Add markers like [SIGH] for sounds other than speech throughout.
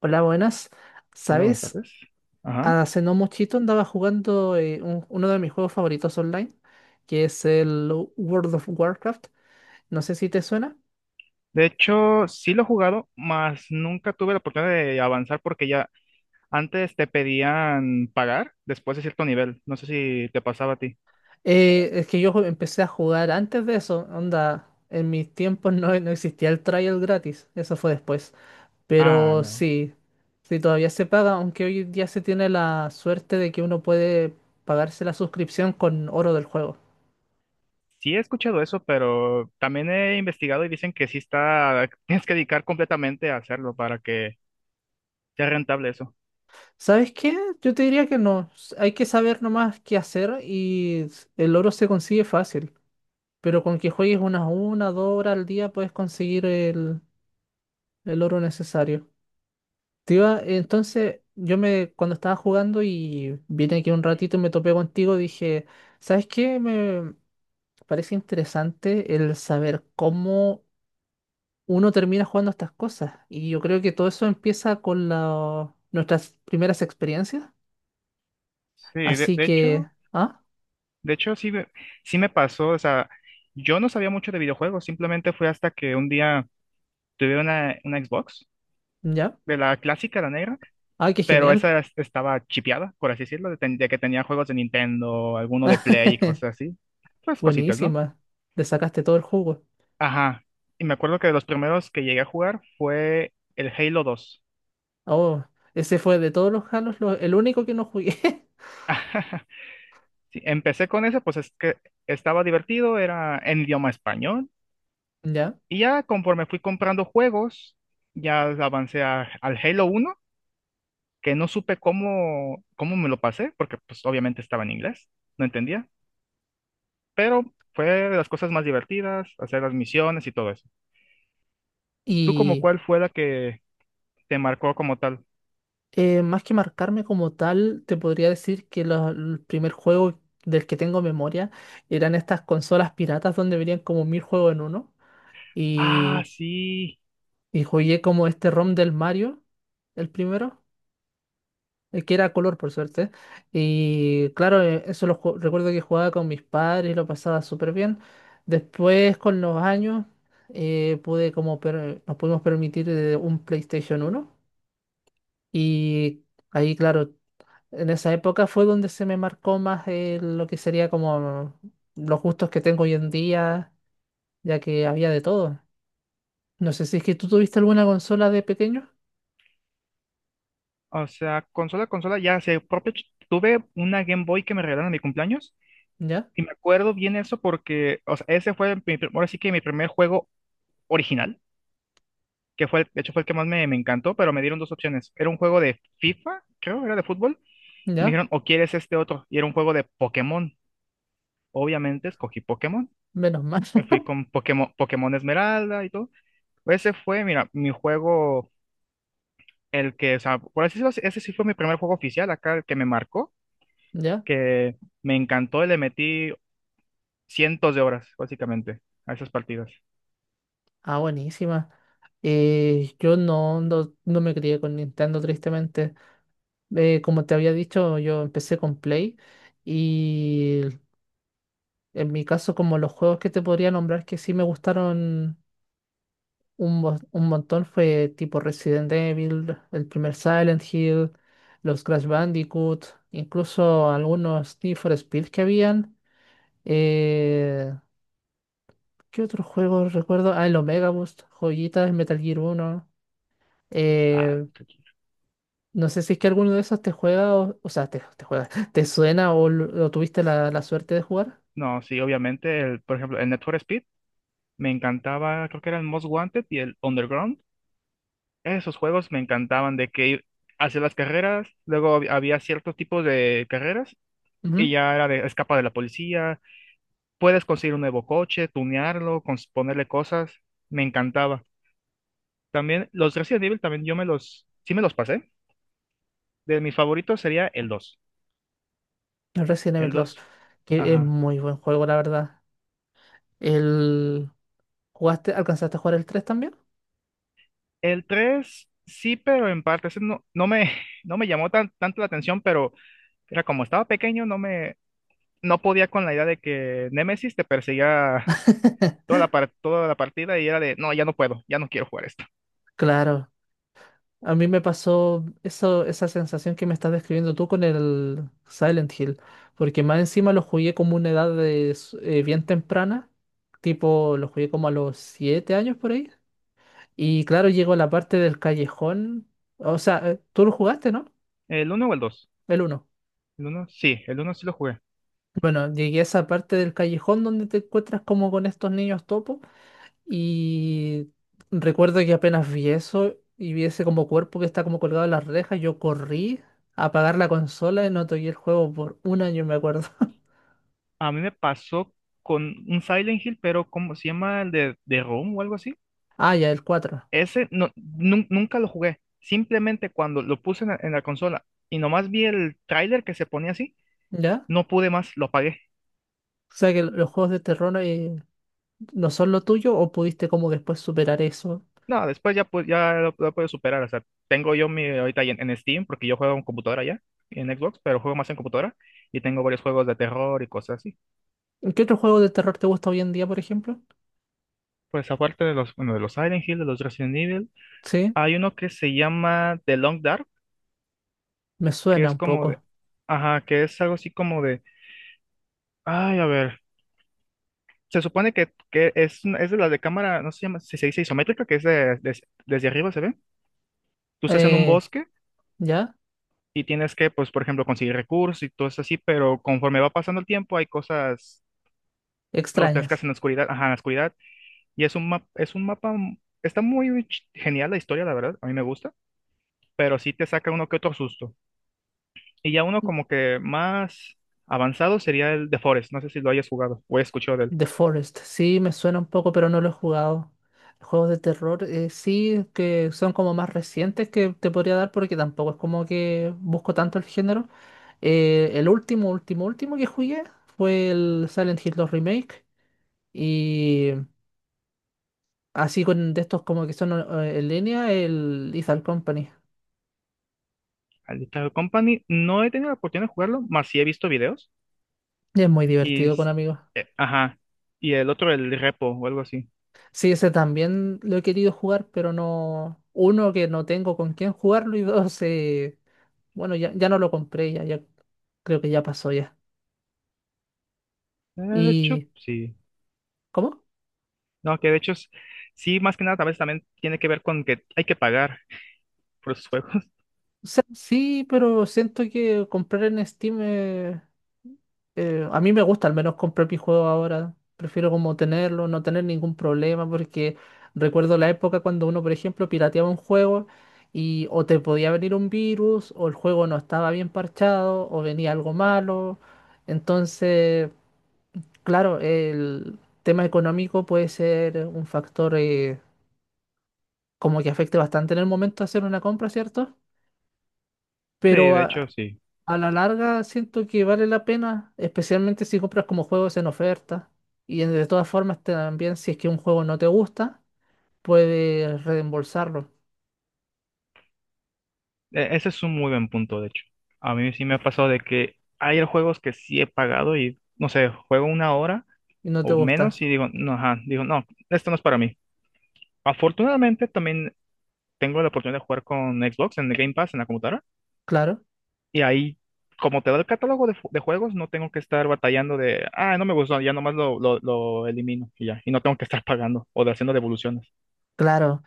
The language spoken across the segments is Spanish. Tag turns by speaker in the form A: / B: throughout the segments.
A: Hola, buenas.
B: Modern Warfare
A: ¿Sabes?
B: tres. Ajá.
A: Hace no muchito andaba jugando uno de mis juegos favoritos online, que es el World of Warcraft. No sé si te suena.
B: De hecho, sí lo he jugado, mas nunca tuve la oportunidad de avanzar porque ya antes te pedían pagar después de cierto nivel. No sé si te pasaba a ti.
A: Es que yo empecé a jugar antes de eso. Onda, en mis tiempos no existía el trial gratis. Eso fue después.
B: Ah,
A: Pero
B: no.
A: sí, sí todavía se paga, aunque hoy día se tiene la suerte de que uno puede pagarse la suscripción con oro del juego.
B: Sí he escuchado eso, pero también he investigado y dicen que sí está, [LAUGHS] tienes que dedicar completamente a hacerlo para que sea rentable eso.
A: ¿Sabes qué? Yo te diría que no. Hay que saber nomás qué hacer y el oro se consigue fácil. Pero con que juegues una, 2 horas al día puedes conseguir el oro necesario. Entonces, cuando estaba jugando y vine aquí un ratito y me topé contigo, dije, ¿sabes qué? Me parece interesante el saber cómo uno termina jugando estas cosas. Y yo creo que todo eso empieza con nuestras primeras experiencias.
B: Sí, de,
A: Así
B: de
A: que,
B: hecho,
A: ¿ah?
B: de hecho sí, sí me pasó, o sea, yo no sabía mucho de videojuegos, simplemente fue hasta que un día tuve una Xbox
A: ¿Ya?
B: de la clásica, la negra,
A: Ay, qué
B: pero
A: genial.
B: estaba chipeada, por así decirlo, de que tenía juegos de Nintendo, alguno de Play y
A: [LAUGHS]
B: cosas así. Pues cositas, ¿no?
A: Buenísima. Le sacaste todo el jugo.
B: Ajá. Y me acuerdo que de los primeros que llegué a jugar fue el Halo 2.
A: Oh, ese fue de todos los Halos el único que no jugué. [LAUGHS]
B: Sí, empecé con ese, pues es que estaba divertido, era en idioma español.
A: Ya.
B: Y ya conforme fui comprando juegos, ya al Halo 1, que no supe cómo me lo pasé, porque pues obviamente estaba en inglés, no entendía. Pero fue de las cosas más divertidas, hacer las misiones y todo eso. ¿Tú como
A: Y
B: cuál fue la que te marcó como tal?
A: más que marcarme como tal, te podría decir que el primer juego del que tengo memoria eran estas consolas piratas donde venían como mil juegos en uno.
B: Ah,
A: Y,
B: sí.
A: y jugué como este ROM del Mario, el primero. Que era color por suerte. Y claro, eso recuerdo que jugaba con mis padres y lo pasaba súper bien. Después, con los años, nos pudimos permitir un PlayStation uno. Y ahí, claro, en esa época fue donde se me marcó más lo que sería como los gustos que tengo hoy en día, ya que había de todo. No sé si es que tú tuviste alguna consola de pequeño.
B: O sea, consola, ya sé, tuve una Game Boy que me regalaron en mi cumpleaños
A: Ya,
B: y me acuerdo bien eso porque, o sea, ese fue ahora sí que mi primer juego original, que fue, de hecho fue el que más me encantó, pero me dieron dos opciones. Era un juego de FIFA, creo, era de fútbol, y me
A: ya,
B: dijeron, o quieres este otro, y era un juego de Pokémon. Obviamente escogí Pokémon,
A: menos mal.
B: me fui con Pokémon, Pokémon Esmeralda y todo. Ese fue, mira, mi juego el que, o sea, por así decirlo, ese sí fue mi primer juego oficial acá, el que me marcó,
A: [LAUGHS] ¿Ya?
B: que me encantó y le metí cientos de horas, básicamente, a esas partidas.
A: Ah, buenísima. Yo no me crié con Nintendo, tristemente. Como te había dicho, yo empecé con Play y en mi caso, como los juegos que te podría nombrar que sí me gustaron un montón fue tipo Resident Evil, el primer Silent Hill, los Crash Bandicoot, incluso algunos Need for Speed que habían. Eh, ¿qué otros juegos recuerdo? Ah, el Omega Boost, joyitas, Metal Gear Uno
B: Ah,
A: Eh,
B: tranquilo.
A: No sé si es que alguno de esos te juega, o sea, te juega, [LAUGHS] te suena o lo tuviste la suerte de jugar.
B: No, sí, obviamente, por ejemplo, el Need for Speed me encantaba, creo que era el Most Wanted y el Underground. Esos juegos me encantaban de que hacía las carreras, luego había ciertos tipos de carreras y
A: Ujú.
B: ya era de escapa de la policía, puedes conseguir un nuevo coche, tunearlo, ponerle cosas, me encantaba. También los Resident Evil, también yo me sí me los pasé. De mis favoritos sería el dos.
A: El Resident Evil
B: El
A: dos
B: dos,
A: que es
B: ajá.
A: muy buen juego, la verdad. El, ¿jugaste, alcanzaste a jugar el tres también?
B: El tres sí, pero en parte, ese no me, [LAUGHS] no me llamó tanto la atención, pero era como estaba pequeño, no podía con la idea de que Nemesis te perseguía toda
A: [LAUGHS]
B: toda la partida y era de, no, ya no puedo, ya no quiero jugar esto.
A: Claro, a mí me pasó eso, esa sensación que me estás describiendo tú con el Silent Hill, porque más encima lo jugué como una edad de bien temprana, tipo lo jugué como a los 7 años por ahí. Y claro, llego a la parte del callejón. O sea, tú lo jugaste, ¿no?
B: ¿El uno o el dos?
A: El uno.
B: El uno sí lo jugué.
A: Bueno, llegué a esa parte del callejón donde te encuentras como con estos niños topo. Y recuerdo que apenas vi eso y vi ese como cuerpo que está como colgado en las rejas, yo corrí a apagar la consola y no toqué el juego por un año, me acuerdo. [LAUGHS]
B: A mí me pasó con un Silent Hill, pero ¿cómo se llama? El de Room o algo así.
A: Ah, ya, el cuatro.
B: Ese nunca lo jugué. Simplemente cuando lo puse en en la consola y nomás vi el tráiler que se ponía así,
A: ¿Ya?
B: no pude más, lo apagué.
A: O sea que los juegos de terror no son lo tuyo o pudiste como después superar eso.
B: No, después ya, ya lo puedo superar. O sea, tengo yo mi ahorita en Steam, porque yo juego en computadora ya, en Xbox, pero juego más en computadora y tengo varios juegos de terror y cosas así.
A: ¿Qué otro juego de terror te gusta hoy en día, por ejemplo?
B: Pues aparte de los, bueno, de los Silent Hill, de los Resident Evil,
A: Sí.
B: hay uno que se llama The Long Dark,
A: Me
B: que
A: suena
B: es
A: un
B: como de,
A: poco.
B: ajá, que es algo así como de, ay, a ver. Se supone que es, es de la de cámara, no sé si si se dice isométrica, que es desde arriba se ve. Tú estás en un
A: Eh,
B: bosque
A: ¿ya?
B: y tienes que, pues, por ejemplo, conseguir recursos y todo eso así, pero conforme va pasando el tiempo hay cosas
A: Extrañas.
B: grotescas en la oscuridad, ajá, en la oscuridad. Y es un está muy genial la historia, la verdad, a mí me gusta, pero sí te saca uno que otro susto. Y ya uno como que más avanzado sería el de Forest, no sé si lo hayas jugado o he escuchado de él.
A: The Forest. Sí, me suena un poco, pero no lo he jugado. Juegos de terror, sí, que son como más recientes que te podría dar porque tampoco es como que busco tanto el género. El último, último, último que jugué fue el Silent Hill dos Remake y así con de estos como que son en línea, el Lethal Company.
B: Al Little Company, no he tenido la oportunidad de jugarlo, más sí he visto videos.
A: Y es muy
B: Y,
A: divertido con
B: s-
A: amigos.
B: ajá, y el otro, el repo o algo así.
A: Sí, ese también lo he querido jugar, pero no. Uno, que no tengo con quién jugarlo, y dos, bueno, ya, ya no lo compré, ya, ya creo que ya pasó ya.
B: De hecho,
A: ¿Y
B: sí.
A: cómo?
B: No, que de hecho, sí, más que nada, tal vez también tiene que ver con que hay que pagar por los juegos. [LAUGHS]
A: O sea, sí, pero siento que comprar en Steam. A mí me gusta al menos comprar mi juego ahora. Prefiero como tenerlo, no tener ningún problema, porque recuerdo la época cuando uno, por ejemplo, pirateaba un juego y o te podía venir un virus, o el juego no estaba bien parchado, o venía algo malo. Entonces, claro, el tema económico puede ser un factor como que afecte bastante en el momento de hacer una compra, ¿cierto?
B: Sí,
A: Pero
B: de hecho,
A: a-
B: sí.
A: A la larga siento que vale la pena, especialmente si compras como juegos en oferta. Y de todas formas también si es que un juego no te gusta, puedes reembolsarlo
B: Ese es un muy buen punto, de hecho. A mí sí me ha pasado de que hay juegos que sí he pagado y, no sé, juego una hora
A: y no te
B: o
A: gusta.
B: menos y digo, no, ajá, digo, no, esto no es para mí. Afortunadamente, también tengo la oportunidad de jugar con Xbox en el Game Pass en la computadora.
A: Claro,
B: Y ahí, como te da el catálogo de juegos, no tengo que estar batallando de, ah, no me gustó, ya nomás lo elimino y ya. Y no tengo que estar pagando o de haciendo devoluciones.
A: claro.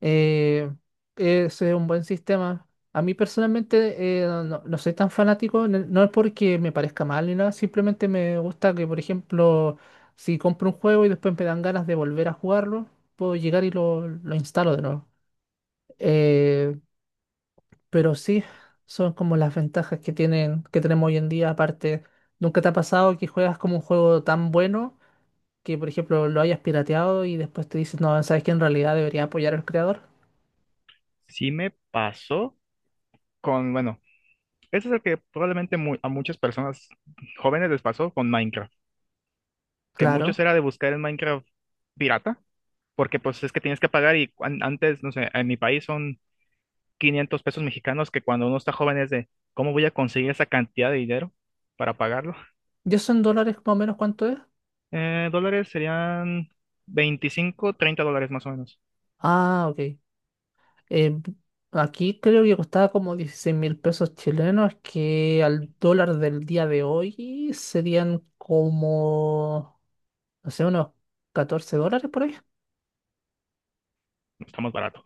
A: Eh, ese es un buen sistema. A mí personalmente no soy tan fanático, no es porque me parezca mal ni nada, simplemente me gusta que, por ejemplo, si compro un juego y después me dan ganas de volver a jugarlo, puedo llegar y lo instalo de nuevo. Eh, Pero sí, son como las ventajas que tienen, que tenemos hoy en día. Aparte, ¿nunca te ha pasado que juegas como un juego tan bueno que, por ejemplo, lo hayas pirateado y después te dices, no, sabes que en realidad debería apoyar al creador?
B: Sí me pasó con, bueno, eso es lo que probablemente a muchas personas jóvenes les pasó con Minecraft, que muchos
A: Claro.
B: era de buscar el Minecraft pirata, porque pues es que tienes que pagar y antes, no sé, en mi país son 500 pesos mexicanos que cuando uno está joven es de, ¿cómo voy a conseguir esa cantidad de dinero para pagarlo?
A: ¿Y eso en dólares más o menos cuánto es?
B: Dólares serían 25 o 30 dólares más o menos.
A: Ah, ok. Eh, aquí creo que costaba como 16.000 pesos chilenos, que al dólar del día de hoy serían como, no sé, unos 14 dólares por ahí.
B: Estamos barato.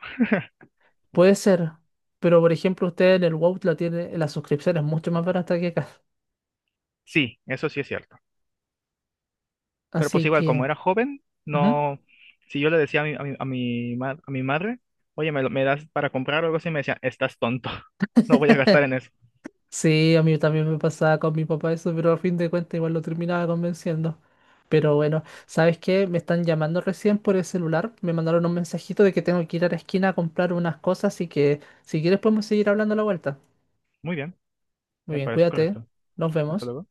A: Puede ser, pero por ejemplo, usted en el WoW la tiene, la suscripción es mucho más barata que acá.
B: Sí, eso sí es cierto. Pero pues
A: Así
B: igual, como
A: que.
B: era joven,
A: Ujú.
B: no, si yo le decía a mi madre, oye, ¿ me das para comprar o algo así? Me decía, estás tonto, [LAUGHS] no voy a gastar
A: [LAUGHS]
B: en eso.
A: Sí, a mí también me pasaba con mi papá eso, pero a fin de cuentas igual lo terminaba convenciendo. Pero bueno, ¿sabes qué? Me están llamando recién por el celular, me mandaron un mensajito de que tengo que ir a la esquina a comprar unas cosas, así que si quieres podemos seguir hablando a la vuelta.
B: Muy bien,
A: Muy
B: me
A: bien,
B: parece
A: cuídate,
B: correcto.
A: nos
B: Hasta
A: vemos.
B: luego.